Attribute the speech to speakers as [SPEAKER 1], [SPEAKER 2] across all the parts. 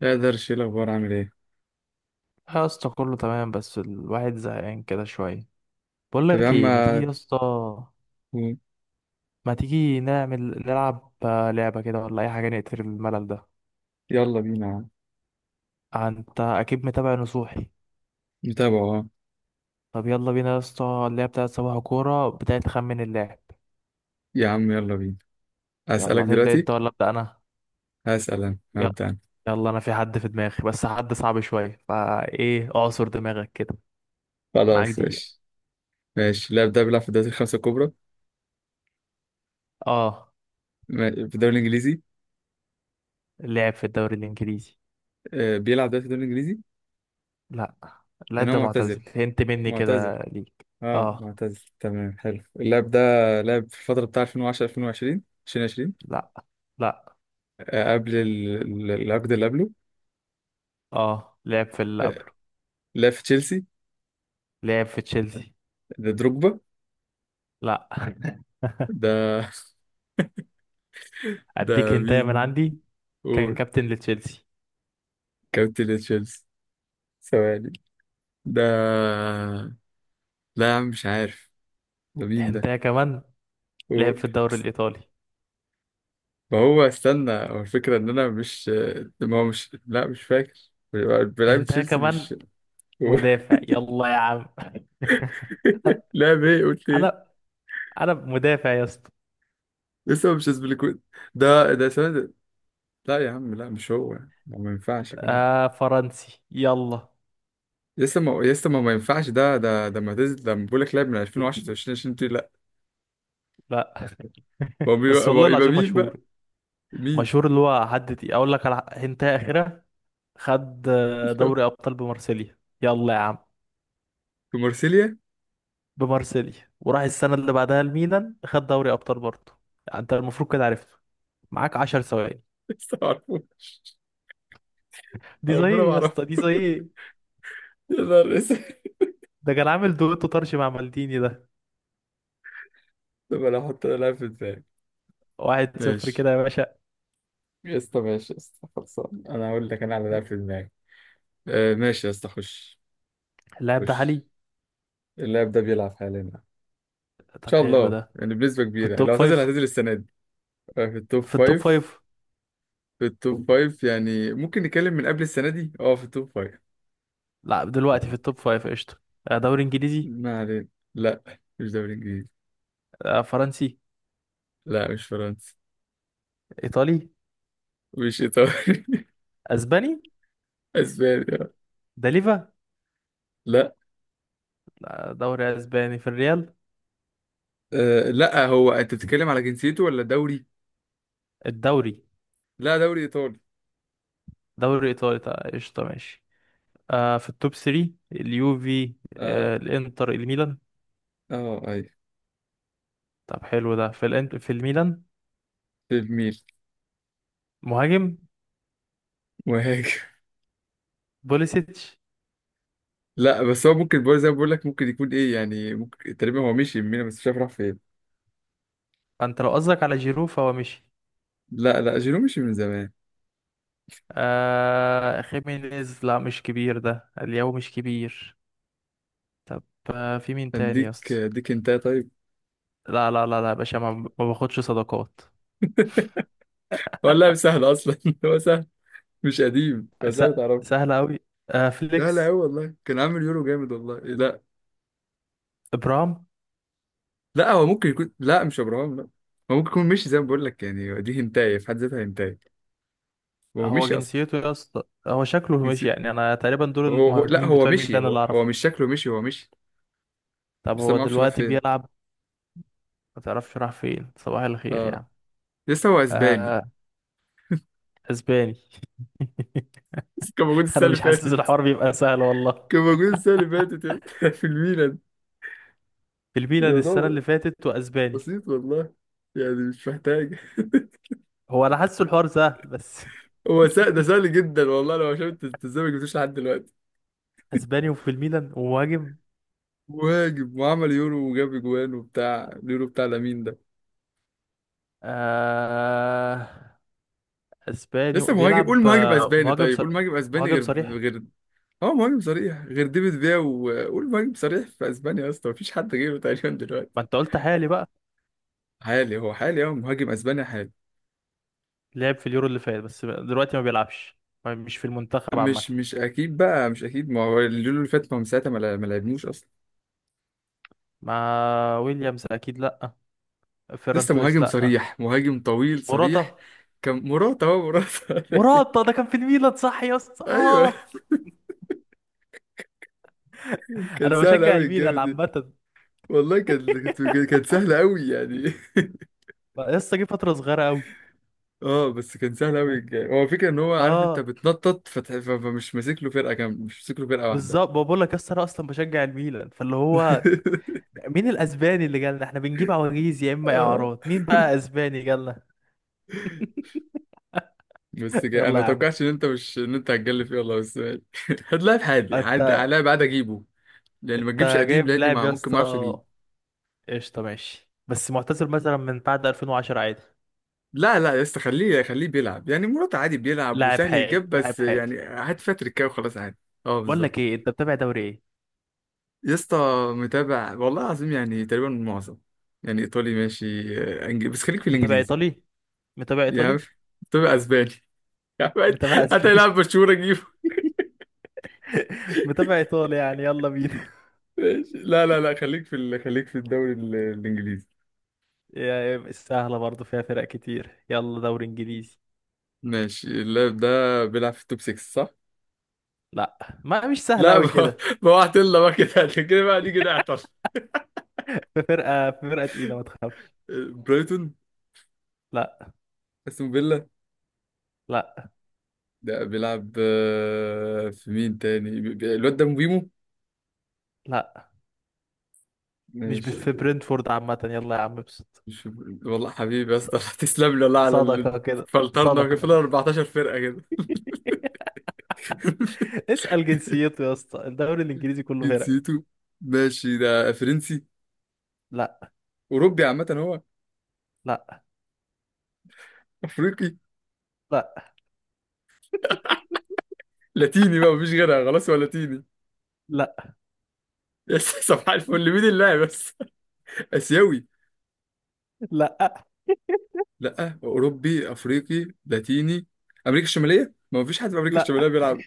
[SPEAKER 1] لا، قدرش، ايه الاخبار، عامل ايه؟
[SPEAKER 2] يا اسطى كله تمام بس الواحد زهقان كده شوية. بقول
[SPEAKER 1] طب يا
[SPEAKER 2] لك
[SPEAKER 1] عم.
[SPEAKER 2] ايه، ما تيجي يا اسطى ما تيجي نعمل نلعب لعبة كده ولا اي حاجة نقتل الملل ده.
[SPEAKER 1] يلا بينا يا عم.
[SPEAKER 2] انت اكيد متابع نصوحي؟
[SPEAKER 1] نتابعه، اه.
[SPEAKER 2] طب يلا بينا يا اسطى، اللعبة بتاعت صباح كورة بتاعت خمن اللاعب.
[SPEAKER 1] يا عم يلا بينا. هسألك
[SPEAKER 2] يلا تبدأ
[SPEAKER 1] دلوقتي.
[SPEAKER 2] انت ولا ابدأ انا؟
[SPEAKER 1] هسأل انا،
[SPEAKER 2] يلا.
[SPEAKER 1] هبدأ انا.
[SPEAKER 2] يلا، انا في حد في دماغي بس حد صعب شوية فايه اعصر دماغك كده. معاك
[SPEAKER 1] خلاص
[SPEAKER 2] دقيقة.
[SPEAKER 1] ماشي. ماشي، اللاعب ده بيلعب في الدوري الخمسة الكبرى.
[SPEAKER 2] اه.
[SPEAKER 1] في الدوري الانجليزي.
[SPEAKER 2] اللاعب في الدوري الانجليزي؟
[SPEAKER 1] بيلعب ده في الدوري الانجليزي.
[SPEAKER 2] لا.
[SPEAKER 1] يعني
[SPEAKER 2] اللاعب
[SPEAKER 1] هو
[SPEAKER 2] ده
[SPEAKER 1] معتزل.
[SPEAKER 2] معتزل، هنت مني
[SPEAKER 1] معتزل.
[SPEAKER 2] كده ليك.
[SPEAKER 1] اه
[SPEAKER 2] اه.
[SPEAKER 1] معتزل، تمام، حلو اللاعب ده. لعب في الفترة بتاع 2010 2020. 2020.
[SPEAKER 2] لا. لا.
[SPEAKER 1] قبل العقد اللي قبله.
[SPEAKER 2] اه لعب في اللي
[SPEAKER 1] آه،
[SPEAKER 2] قبله.
[SPEAKER 1] لعب في تشيلسي.
[SPEAKER 2] لعب في تشيلسي.
[SPEAKER 1] ده دروجبا.
[SPEAKER 2] لا.
[SPEAKER 1] ده
[SPEAKER 2] اديك
[SPEAKER 1] ده
[SPEAKER 2] هنتايه من
[SPEAKER 1] مين؟
[SPEAKER 2] عندي. كان
[SPEAKER 1] قول.
[SPEAKER 2] كابتن لتشيلسي.
[SPEAKER 1] كابتن تشيلسي. ثواني. ده. لا يا عم، مش عارف. ده مين ده؟
[SPEAKER 2] هنتايه كمان. لعب
[SPEAKER 1] قول.
[SPEAKER 2] في الدوري الايطالي.
[SPEAKER 1] ما هو استنى، هو الفكرة إن أنا مش. ما هو مش، لا مش فاكر. بلعب
[SPEAKER 2] هنتايه
[SPEAKER 1] تشيلسي،
[SPEAKER 2] كمان.
[SPEAKER 1] مش. قول.
[SPEAKER 2] مدافع، يلا يا عم انا
[SPEAKER 1] لا إيه قلت إيه؟
[SPEAKER 2] انا أنا مدافع يا اسطى.
[SPEAKER 1] لسه مش اسبليكويت. ده ثواني ده. لا يا عم، لا مش هو ما. ما ينفعش يكون هو.
[SPEAKER 2] آه فرنسي، يلا.
[SPEAKER 1] لسه ما ينفعش. ده ده ده ما تز... ده بقول لك لعب من 2010 ل 2020 دي، لا.
[SPEAKER 2] لا
[SPEAKER 1] هو بيبقى،
[SPEAKER 2] بس
[SPEAKER 1] هو
[SPEAKER 2] والله
[SPEAKER 1] يبقى
[SPEAKER 2] العظيم
[SPEAKER 1] مين
[SPEAKER 2] مشهور.
[SPEAKER 1] بقى؟ مين؟
[SPEAKER 2] مشهور، اللي هو حد تقيل. اقول لك على هنتايه اخيره. خد دوري ابطال بمارسيليا، يلا يا عم.
[SPEAKER 1] في مارسيليا.
[SPEAKER 2] بمارسيليا، وراح السنة اللي بعدها الميلان خد دوري أبطال برضه. يعني أنت المفروض كده عرفته. معاك 10 ثواني.
[SPEAKER 1] لسه ما اعرفوش.
[SPEAKER 2] دي زي
[SPEAKER 1] ربنا
[SPEAKER 2] إيه
[SPEAKER 1] ما
[SPEAKER 2] يا
[SPEAKER 1] اعرفه.
[SPEAKER 2] اسطى؟ دي زي إيه؟
[SPEAKER 1] يا نهار اسود.
[SPEAKER 2] ده كان عامل دويتو طرش مع مالديني ده.
[SPEAKER 1] طب انا احط، لاعب في دماغي.
[SPEAKER 2] واحد صفر
[SPEAKER 1] ماشي
[SPEAKER 2] كده يا باشا.
[SPEAKER 1] يا اسطى، ماشي يا اسطى، خلصان. انا اقول لك انا على لاعب في دماغي. آه ماشي يا اسطى خش.
[SPEAKER 2] اللاعب ده
[SPEAKER 1] خش.
[SPEAKER 2] عالي.
[SPEAKER 1] اللاعب ده بيلعب حاليا ان
[SPEAKER 2] طب
[SPEAKER 1] شاء
[SPEAKER 2] حلو
[SPEAKER 1] الله،
[SPEAKER 2] ده.
[SPEAKER 1] يعني بنسبة
[SPEAKER 2] في
[SPEAKER 1] كبيرة، يعني
[SPEAKER 2] التوب
[SPEAKER 1] لو هتنزل
[SPEAKER 2] فايف.
[SPEAKER 1] هتنزل السنة دي. آه في التوب
[SPEAKER 2] في التوب
[SPEAKER 1] فايف.
[SPEAKER 2] فايف.
[SPEAKER 1] في التوب فايف، يعني ممكن نتكلم من قبل السنة دي، اه في التوب فايف.
[SPEAKER 2] لا، دلوقتي في التوب فايف. قشطة. دوري إنجليزي.
[SPEAKER 1] ما علينا. لا مش دوري انجليزي.
[SPEAKER 2] فرنسي.
[SPEAKER 1] لا مش فرنسي.
[SPEAKER 2] إيطالي.
[SPEAKER 1] مش ايطالي
[SPEAKER 2] أسباني.
[SPEAKER 1] اسباني، آه.
[SPEAKER 2] ده ليفا.
[SPEAKER 1] لا.
[SPEAKER 2] لا، دوري أسباني في الريال.
[SPEAKER 1] آه لا، هو انت بتتكلم على جنسيته ولا دوري؟
[SPEAKER 2] الدوري.
[SPEAKER 1] لا، دوري ايطالي.
[SPEAKER 2] دوري إيطالي طيب، قشطة ماشي. آه في التوب 3 اليوفي. آه
[SPEAKER 1] اه.
[SPEAKER 2] الانتر الميلان.
[SPEAKER 1] اه ايوه،
[SPEAKER 2] طب حلو ده. في الانت في الميلان.
[SPEAKER 1] في الميل.
[SPEAKER 2] مهاجم.
[SPEAKER 1] مهاجم.
[SPEAKER 2] بوليسيتش.
[SPEAKER 1] لا بس هو ممكن برضه زي ما بقول لك، ممكن يكون ايه يعني، ممكن تقريبا هو مشي من ميلان بس مش عارف راح فين.
[SPEAKER 2] انت لو قصدك على جيرو فهو مشي.
[SPEAKER 1] لا لا، جيرو مشي من زمان.
[SPEAKER 2] آه خيمينيز، لا مش كبير، ده الياو مش كبير. طب. آه في مين تاني يا
[SPEAKER 1] اديك،
[SPEAKER 2] اسطى؟
[SPEAKER 1] اديك انت طيب.
[SPEAKER 2] لا، لا، لا، لا، يا باشا، ما باخدش صداقات.
[SPEAKER 1] هو اللاعب سهل اصلا هو سهل. مش قديم
[SPEAKER 2] س...
[SPEAKER 1] فسهل تعرف.
[SPEAKER 2] سهل قوي. آه
[SPEAKER 1] لا لا،
[SPEAKER 2] فليكس.
[SPEAKER 1] هو والله كان عامل يورو جامد والله. إيه، لا.
[SPEAKER 2] ابرام.
[SPEAKER 1] لا هو ممكن يكون، لا مش ابراهام، لا. هو ممكن يكون مشي زي ما بقول لك، يعني دي هنتايه في حد ذاتها، هنتايه. هو
[SPEAKER 2] هو
[SPEAKER 1] مشي اصلا.
[SPEAKER 2] جنسيته يا اسطى، هو شكله ماشي
[SPEAKER 1] جنسي-
[SPEAKER 2] يعني. انا تقريبا دول
[SPEAKER 1] هو لا
[SPEAKER 2] المهاجمين
[SPEAKER 1] هو
[SPEAKER 2] بتوع
[SPEAKER 1] مشي.
[SPEAKER 2] الميلان
[SPEAKER 1] هو,
[SPEAKER 2] اللي
[SPEAKER 1] هو
[SPEAKER 2] اعرفه.
[SPEAKER 1] مش شكله مشي، هو مشي.
[SPEAKER 2] طب
[SPEAKER 1] بس أنا
[SPEAKER 2] هو
[SPEAKER 1] ما اعرفش راح
[SPEAKER 2] دلوقتي
[SPEAKER 1] فين.
[SPEAKER 2] بيلعب؟ ما تعرفش راح فين؟ صباح الخير يا
[SPEAKER 1] اه.
[SPEAKER 2] عم.
[SPEAKER 1] لسه هو اسباني.
[SPEAKER 2] آه. اسباني
[SPEAKER 1] بس كان موجود السنه
[SPEAKER 2] انا
[SPEAKER 1] اللي
[SPEAKER 2] مش حاسس
[SPEAKER 1] فاتت.
[SPEAKER 2] الحوار بيبقى سهل والله.
[SPEAKER 1] كان موجود السنة اللي فاتت يا اسطى في الميلان.
[SPEAKER 2] في الميلان السنة اللي
[SPEAKER 1] الموضوع
[SPEAKER 2] فاتت واسباني.
[SPEAKER 1] بسيط والله، يعني مش محتاج
[SPEAKER 2] هو انا حاسس الحوار سهل بس
[SPEAKER 1] هو سهل، ده سهل جدا والله، لو شفت انت ازاي ما جبتوش لحد دلوقتي.
[SPEAKER 2] اسباني وفي الميلان ومهاجم.
[SPEAKER 1] مهاجم، وعمل يورو، وجاب اجوان وبتاع اليورو بتاع لامين ده.
[SPEAKER 2] آه اسباني
[SPEAKER 1] لسه مهاجم.
[SPEAKER 2] بيلعب
[SPEAKER 1] قول مهاجم اسباني.
[SPEAKER 2] مهاجم
[SPEAKER 1] طيب، قول مهاجم اسباني
[SPEAKER 2] مهاجم
[SPEAKER 1] غير.
[SPEAKER 2] صريح.
[SPEAKER 1] غير. اه مهاجم صريح غير ديفيد فيا، وقول مهاجم صريح في اسبانيا يا اسطى، مفيش حد غيره تقريبا دلوقتي.
[SPEAKER 2] ما انت قلت حالي بقى.
[SPEAKER 1] حالي. هو حالي. اه مهاجم اسباني حالي.
[SPEAKER 2] لعب في اليورو اللي فات بس دلوقتي ما بيلعبش. مش في المنتخب عامة.
[SPEAKER 1] مش اكيد بقى، مش اكيد. ما هو اليورو اللي فات، ما هو من ساعتها ما لعبنوش اصلا.
[SPEAKER 2] ما ويليامز اكيد لا. فيران
[SPEAKER 1] لسه
[SPEAKER 2] توريس
[SPEAKER 1] مهاجم
[SPEAKER 2] لا.
[SPEAKER 1] صريح، مهاجم طويل صريح.
[SPEAKER 2] موراتا.
[SPEAKER 1] كان مراته، اهو مراته
[SPEAKER 2] مراتا ده كان في الميلان صح يا اسطى؟
[SPEAKER 1] ايوه.
[SPEAKER 2] اه.
[SPEAKER 1] كان
[SPEAKER 2] انا
[SPEAKER 1] سهل
[SPEAKER 2] بشجع
[SPEAKER 1] قوي الجيم
[SPEAKER 2] الميلان
[SPEAKER 1] دي.
[SPEAKER 2] عامه.
[SPEAKER 1] والله كانت. كانت سهله قوي يعني.
[SPEAKER 2] لسه جه فتره صغيره قوي.
[SPEAKER 1] اه، بس كان سهل قوي الجيم. هو الفكره ان هو عارف انت
[SPEAKER 2] اه
[SPEAKER 1] بتنطط فمش ماسك له فرقه كامله، مش ماسك له فرقه واحده.
[SPEAKER 2] بالظبط. بقول لك يا اسطى انا اصلا بشجع الميلان فاللي هو مين الاسباني اللي جالنا؟ احنا بنجيب عواجيز يا اما
[SPEAKER 1] اه
[SPEAKER 2] اعارات. مين بقى اسباني جالنا؟
[SPEAKER 1] بس جاي. انا
[SPEAKER 2] يلا
[SPEAKER 1] ما
[SPEAKER 2] يا عم.
[SPEAKER 1] توقعتش ان انت مش ان انت هتجلف فيه والله، بس ماشي. هات لاعب حالي، حد
[SPEAKER 2] انت.
[SPEAKER 1] لاعب عادي اجيبه. لان ما تجيبش
[SPEAKER 2] انت
[SPEAKER 1] قديم،
[SPEAKER 2] جايب
[SPEAKER 1] لاني
[SPEAKER 2] لاعب
[SPEAKER 1] ما
[SPEAKER 2] يا
[SPEAKER 1] ممكن، ما اعرفش اجيب.
[SPEAKER 2] اسطى؟ قشطه ماشي. بس معتزل مثلا من بعد 2010 عادي.
[SPEAKER 1] لا لا يا اسطى، خليه خليه بيلعب يعني، مرات عادي بيلعب
[SPEAKER 2] لاعب
[SPEAKER 1] وسهل
[SPEAKER 2] حالي
[SPEAKER 1] يجيب، بس
[SPEAKER 2] لاعب حالي.
[SPEAKER 1] يعني هات فيها تريكايه وخلاص عادي. اه
[SPEAKER 2] بقول
[SPEAKER 1] بالظبط.
[SPEAKER 2] لك ايه انت متابع دوري ايه؟
[SPEAKER 1] يا اسطى. متابع والله العظيم، يعني تقريبا معظم. يعني ايطالي ماشي، انجليزي، بس خليك في
[SPEAKER 2] متابع
[SPEAKER 1] الانجليزي.
[SPEAKER 2] ايطالي؟ متابع
[SPEAKER 1] يا عم.
[SPEAKER 2] ايطالي.
[SPEAKER 1] تبقى اسباني يا عم.
[SPEAKER 2] متابع اسباني.
[SPEAKER 1] هتلاعب برشلونة، جيبه.
[SPEAKER 2] متابع ايطالي يعني، يلا بينا.
[SPEAKER 1] ماشي. لا لا لا، خليك في ال... خليك في الدوري الانجليزي.
[SPEAKER 2] يا- سهلة برضو فيها فرق كتير، يلا دوري انجليزي.
[SPEAKER 1] ماشي. اللاعب ده بيلعب في التوب 6 صح؟
[SPEAKER 2] لا. ما مش سهلة
[SPEAKER 1] لا.
[SPEAKER 2] اوي كده.
[SPEAKER 1] بوعت لنا بقى كده كده بقى نيجي نعطل.
[SPEAKER 2] في فرقة تقيلة ما تخافش.
[SPEAKER 1] برايتون.
[SPEAKER 2] لا،
[SPEAKER 1] استون فيلا.
[SPEAKER 2] لا،
[SPEAKER 1] ده بيلعب، في مين تاني؟ الواد ده مبيمو.
[SPEAKER 2] لا، مش
[SPEAKER 1] ماشي.
[SPEAKER 2] في برنتفورد عامة، يلا يا عم ابسط.
[SPEAKER 1] مش. والله حبيبي يا
[SPEAKER 2] ص-
[SPEAKER 1] اسطى تسلم لي والله على اللي.
[SPEAKER 2] صدقة كده.
[SPEAKER 1] فلترنا كده،
[SPEAKER 2] صدقة
[SPEAKER 1] فينا 14 فرقة كده.
[SPEAKER 2] اسأل جنسيته يا اسطى، الدوري الانجليزي كله فرق.
[SPEAKER 1] جنسيته. ماشي، ده فرنسي.
[SPEAKER 2] لا.
[SPEAKER 1] أوروبي عامة هو.
[SPEAKER 2] لا.
[SPEAKER 1] أفريقي.
[SPEAKER 2] لا.
[SPEAKER 1] لاتيني بقى، مفيش غيرها خلاص، هو لاتيني.
[SPEAKER 2] لا.
[SPEAKER 1] يا صباح الفل، مين اللاعب بس؟ آسيوي.
[SPEAKER 2] لا.
[SPEAKER 1] لأ، أوروبي أفريقي لاتيني. أمريكا الشمالية، ما مفيش حد في أمريكا
[SPEAKER 2] لا.
[SPEAKER 1] الشمالية بيلعب.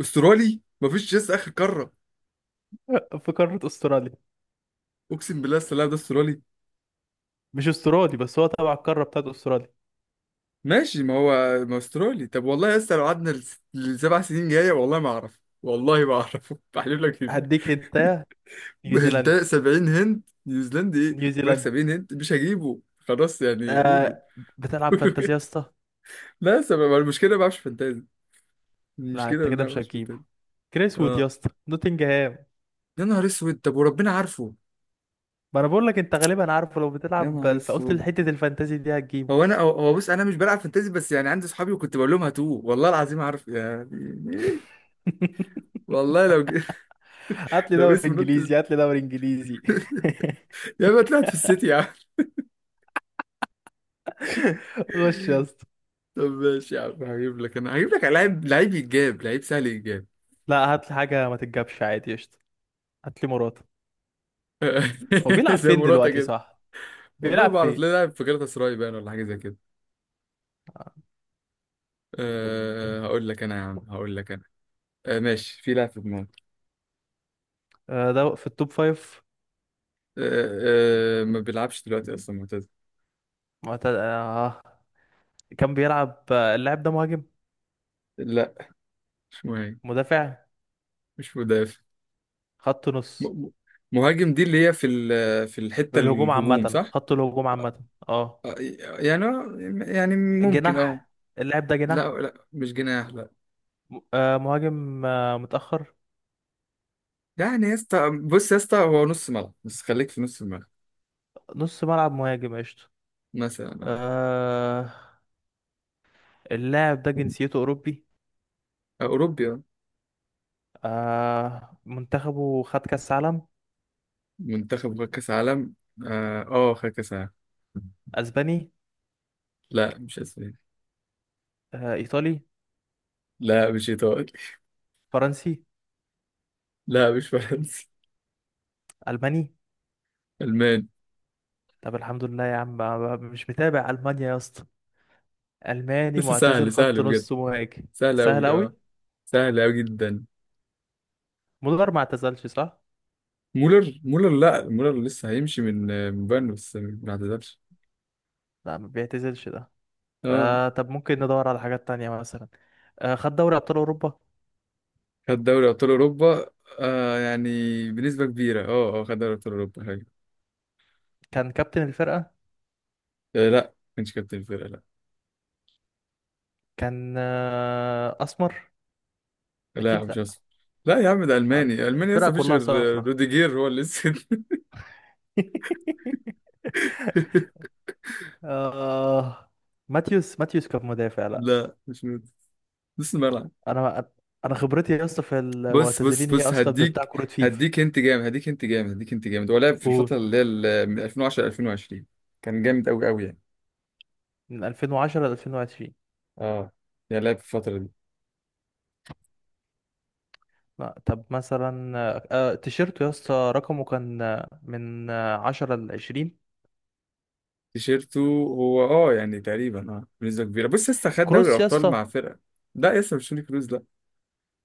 [SPEAKER 1] أسترالي مفيش، لسه آخر قارة.
[SPEAKER 2] في قارة استراليا.
[SPEAKER 1] أقسم بالله السلام، ده أسترالي.
[SPEAKER 2] مش استرالي، بس هو تبع القارة بتاعت استراليا.
[SPEAKER 1] ماشي، ما هو. ما هو استرالي. طب والله يا اسطى، لو قعدنا لسبع سنين جايه، والله ما اعرف، والله ما اعرف بحلف لك كده.
[SPEAKER 2] هديك انت.
[SPEAKER 1] انت
[SPEAKER 2] نيوزيلندي.
[SPEAKER 1] 70 هند نيوزيلندي ايه؟ بقول لك
[SPEAKER 2] نيوزيلندي.
[SPEAKER 1] 70 هند مش هجيبه، خلاص يعني قولوا.
[SPEAKER 2] آه. بتلعب
[SPEAKER 1] قولوا
[SPEAKER 2] فانتازيا
[SPEAKER 1] كده.
[SPEAKER 2] يا اسطى؟
[SPEAKER 1] لا، سبب المشكله ما بعرفش فانتازي.
[SPEAKER 2] لا
[SPEAKER 1] المشكله ان
[SPEAKER 2] انت كده
[SPEAKER 1] انا ما
[SPEAKER 2] مش
[SPEAKER 1] بعرفش
[SPEAKER 2] هتجيبه.
[SPEAKER 1] فانتازي.
[SPEAKER 2] كريس وود يا
[SPEAKER 1] اه.
[SPEAKER 2] اسطى، نوتنجهام.
[SPEAKER 1] يا نهار اسود. طب وربنا عارفه.
[SPEAKER 2] ما انا بقول لك انت غالبا عارفه، لو
[SPEAKER 1] يا نهار
[SPEAKER 2] بتلعب فقلت
[SPEAKER 1] اسود.
[SPEAKER 2] حته الفانتازي دي
[SPEAKER 1] هو
[SPEAKER 2] هتجيبه.
[SPEAKER 1] انا هو هو بص، انا مش بلعب فانتازي، بس يعني عندي صحابي وكنت بقول لهم هاتوه. والله العظيم، عارف يعني إيه؟ والله
[SPEAKER 2] هات لي
[SPEAKER 1] لو
[SPEAKER 2] دوري
[SPEAKER 1] اسم نط
[SPEAKER 2] انجليزي هات لي دوري انجليزي.
[SPEAKER 1] يا ما طلعت في السيتي يا عم.
[SPEAKER 2] غش يا اسطى.
[SPEAKER 1] طب ماشي يا عم، هجيب لك انا، هجيب لك لعيب، لعيب يتجاب، لعيب سهل يتجاب.
[SPEAKER 2] لا هات لي حاجه ما تتجابش عادي قشطه. هات لي مراته. هو بيلعب
[SPEAKER 1] زي
[SPEAKER 2] فين
[SPEAKER 1] مراته
[SPEAKER 2] دلوقتي
[SPEAKER 1] كده.
[SPEAKER 2] صح؟
[SPEAKER 1] والله
[SPEAKER 2] بيلعب
[SPEAKER 1] ما اعرف
[SPEAKER 2] فين؟
[SPEAKER 1] ليه، لاعب في galatasaray باين ولا حاجه زي كده. أه هقول لك انا يا عم، هقول لك انا. أه ماشي، في لاعب في دماغي.
[SPEAKER 2] آه ده في التوب فايف.
[SPEAKER 1] أه أه، ما بيلعبش دلوقتي اصلا، معتزل.
[SPEAKER 2] معتد... آه. كان بيلعب اللاعب ده مهاجم.
[SPEAKER 1] لا مش مهاجم.
[SPEAKER 2] مدافع.
[SPEAKER 1] مش مدافع.
[SPEAKER 2] خط نص.
[SPEAKER 1] م- م- مهاجم دي اللي هي في في الحته
[SPEAKER 2] الهجوم
[SPEAKER 1] الهجوم
[SPEAKER 2] عامة،
[SPEAKER 1] صح؟
[SPEAKER 2] خط الهجوم عامة اه.
[SPEAKER 1] آه، يعني. يعني ممكن اه.
[SPEAKER 2] جناح. اللاعب ده
[SPEAKER 1] لا
[SPEAKER 2] جناح.
[SPEAKER 1] لا مش جناح لا.
[SPEAKER 2] مهاجم متأخر.
[SPEAKER 1] يعني يا اسطى بص، يا اسطى هو نص ملعب، بس خليك في نص الملعب.
[SPEAKER 2] نص ملعب، مهاجم قشطة.
[SPEAKER 1] مثلا.
[SPEAKER 2] آه اللاعب ده جنسيته أوروبي.
[SPEAKER 1] أوروبيا.
[SPEAKER 2] آه منتخبه خد كأس عالم.
[SPEAKER 1] منتخب خد كأس عالم. آه، خد كأس عالم.
[SPEAKER 2] أسباني.
[SPEAKER 1] لا مش أسباني.
[SPEAKER 2] آه إيطالي.
[SPEAKER 1] لا مش إيطالي.
[SPEAKER 2] فرنسي.
[SPEAKER 1] لا مش فرنسي.
[SPEAKER 2] ألماني.
[SPEAKER 1] ألماني.
[SPEAKER 2] طب الحمد لله يا عم. مش متابع ألمانيا يا اسطى. ألماني
[SPEAKER 1] بس
[SPEAKER 2] معتزل
[SPEAKER 1] سهل
[SPEAKER 2] خط
[SPEAKER 1] سهل بجد.
[SPEAKER 2] نص مهاجم.
[SPEAKER 1] سهل
[SPEAKER 2] سهل
[SPEAKER 1] أوي،
[SPEAKER 2] أوي.
[SPEAKER 1] أه. سهل أوي جدا.
[SPEAKER 2] مولر ما اعتزلش صح؟
[SPEAKER 1] مولر لا. مولر لسه هيمشي من بايرن، بس ما اعتزلش.
[SPEAKER 2] لا ما بيعتزلش ده.
[SPEAKER 1] أه.
[SPEAKER 2] آه طب ممكن ندور على حاجات تانية مثلا. خد دوري ابطال اوروبا.
[SPEAKER 1] خد دوري أبطال أوروبا. آه يعني، بنسبة كبيرة، أه أه خد دوري أبطال أوروبا حاجة.
[SPEAKER 2] كان كابتن الفرقه.
[SPEAKER 1] آه لا، ما كانش كابتن الفرقة لا.
[SPEAKER 2] كان اسمر.
[SPEAKER 1] لا
[SPEAKER 2] اكيد
[SPEAKER 1] مش
[SPEAKER 2] لا.
[SPEAKER 1] أسباني. لا يا عم، ده ألماني، ألماني
[SPEAKER 2] الفرقه
[SPEAKER 1] لسه مفيش
[SPEAKER 2] كلها
[SPEAKER 1] غير.
[SPEAKER 2] صفرة.
[SPEAKER 1] روديجير هو اللي لسه
[SPEAKER 2] آه. ماتيوس ماتيوس كان مدافع لا.
[SPEAKER 1] لا مش نوت. نص الملعب.
[SPEAKER 2] انا انا خبرتي يا اسطى في
[SPEAKER 1] بص
[SPEAKER 2] المعتزلين
[SPEAKER 1] بص
[SPEAKER 2] هي
[SPEAKER 1] بص
[SPEAKER 2] اصلا بتاع
[SPEAKER 1] هديك.
[SPEAKER 2] كرة فيفا.
[SPEAKER 1] هديك انت جامد، هديك انت جامد، هديك انت جامد. هو لعب في الفترة
[SPEAKER 2] قول.
[SPEAKER 1] اللي هي من 2010 ل 2020. كان جامد قوي قوي يعني.
[SPEAKER 2] من 2010 ل 2020.
[SPEAKER 1] اه. يعني لعب في الفترة دي.
[SPEAKER 2] لا طب مثلا تيشيرته يا اسطى رقمه كان من 10 ل 20.
[SPEAKER 1] تيشيرته. هو اه يعني تقريبا، اه بنسبة كبيرة، بص لسه خد دوري
[SPEAKER 2] كروس يا
[SPEAKER 1] الأبطال
[SPEAKER 2] اسطى.
[SPEAKER 1] مع فرقة. لا لسه مش توني كروز لا.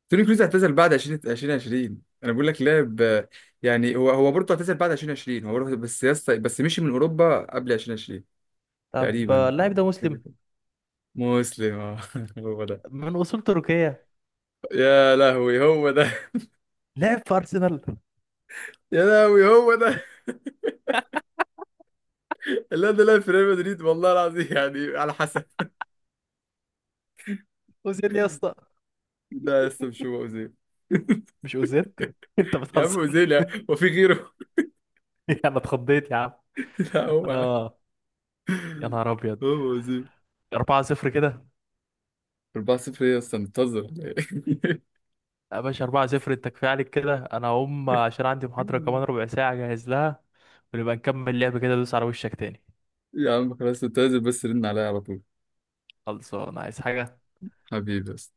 [SPEAKER 1] توني كروز اعتزل بعد 20 2020، انا بقول لك لعب يعني. هو برضه اعتزل بعد 2020، هو برضه بس مشي من أوروبا قبل 2020.
[SPEAKER 2] طب
[SPEAKER 1] تقريبا
[SPEAKER 2] اللاعب
[SPEAKER 1] او
[SPEAKER 2] ده
[SPEAKER 1] كده.
[SPEAKER 2] مسلم
[SPEAKER 1] مسلم، اه هو ده.
[SPEAKER 2] من اصول تركية
[SPEAKER 1] يا لهوي هو ده
[SPEAKER 2] لعب في ارسنال.
[SPEAKER 1] يا لهوي هو ده. اللي انا لاعب في ريال مدريد والله العظيم، يعني على حسب.
[SPEAKER 2] اوزيل يا اسطى.
[SPEAKER 1] لا يا اسطى، مش هو اوزيل.
[SPEAKER 2] مش اوزيل؟ انت
[SPEAKER 1] يا عم
[SPEAKER 2] بتهزر؟
[SPEAKER 1] اوزيل، هو في غيره.
[SPEAKER 2] انا اتخضيت يا عم.
[SPEAKER 1] لا هو يا عم.
[SPEAKER 2] اه يا نهار ابيض.
[SPEAKER 1] هو اوزيل.
[SPEAKER 2] 4-0 كده.
[SPEAKER 1] 4-0. ايه يا اسطى منتظر
[SPEAKER 2] يا باشا 4-0، انت كفايه عليك كده، انا هقوم عشان عندي محاضره كمان ربع ساعه اجهز لها. ونبقى نكمل لعب كده، دوس على وشك تاني.
[SPEAKER 1] يا عم خلاص، انت لازم بس رن عليا على طول.
[SPEAKER 2] خلصان، عايز حاجه؟
[SPEAKER 1] حبيبي بس.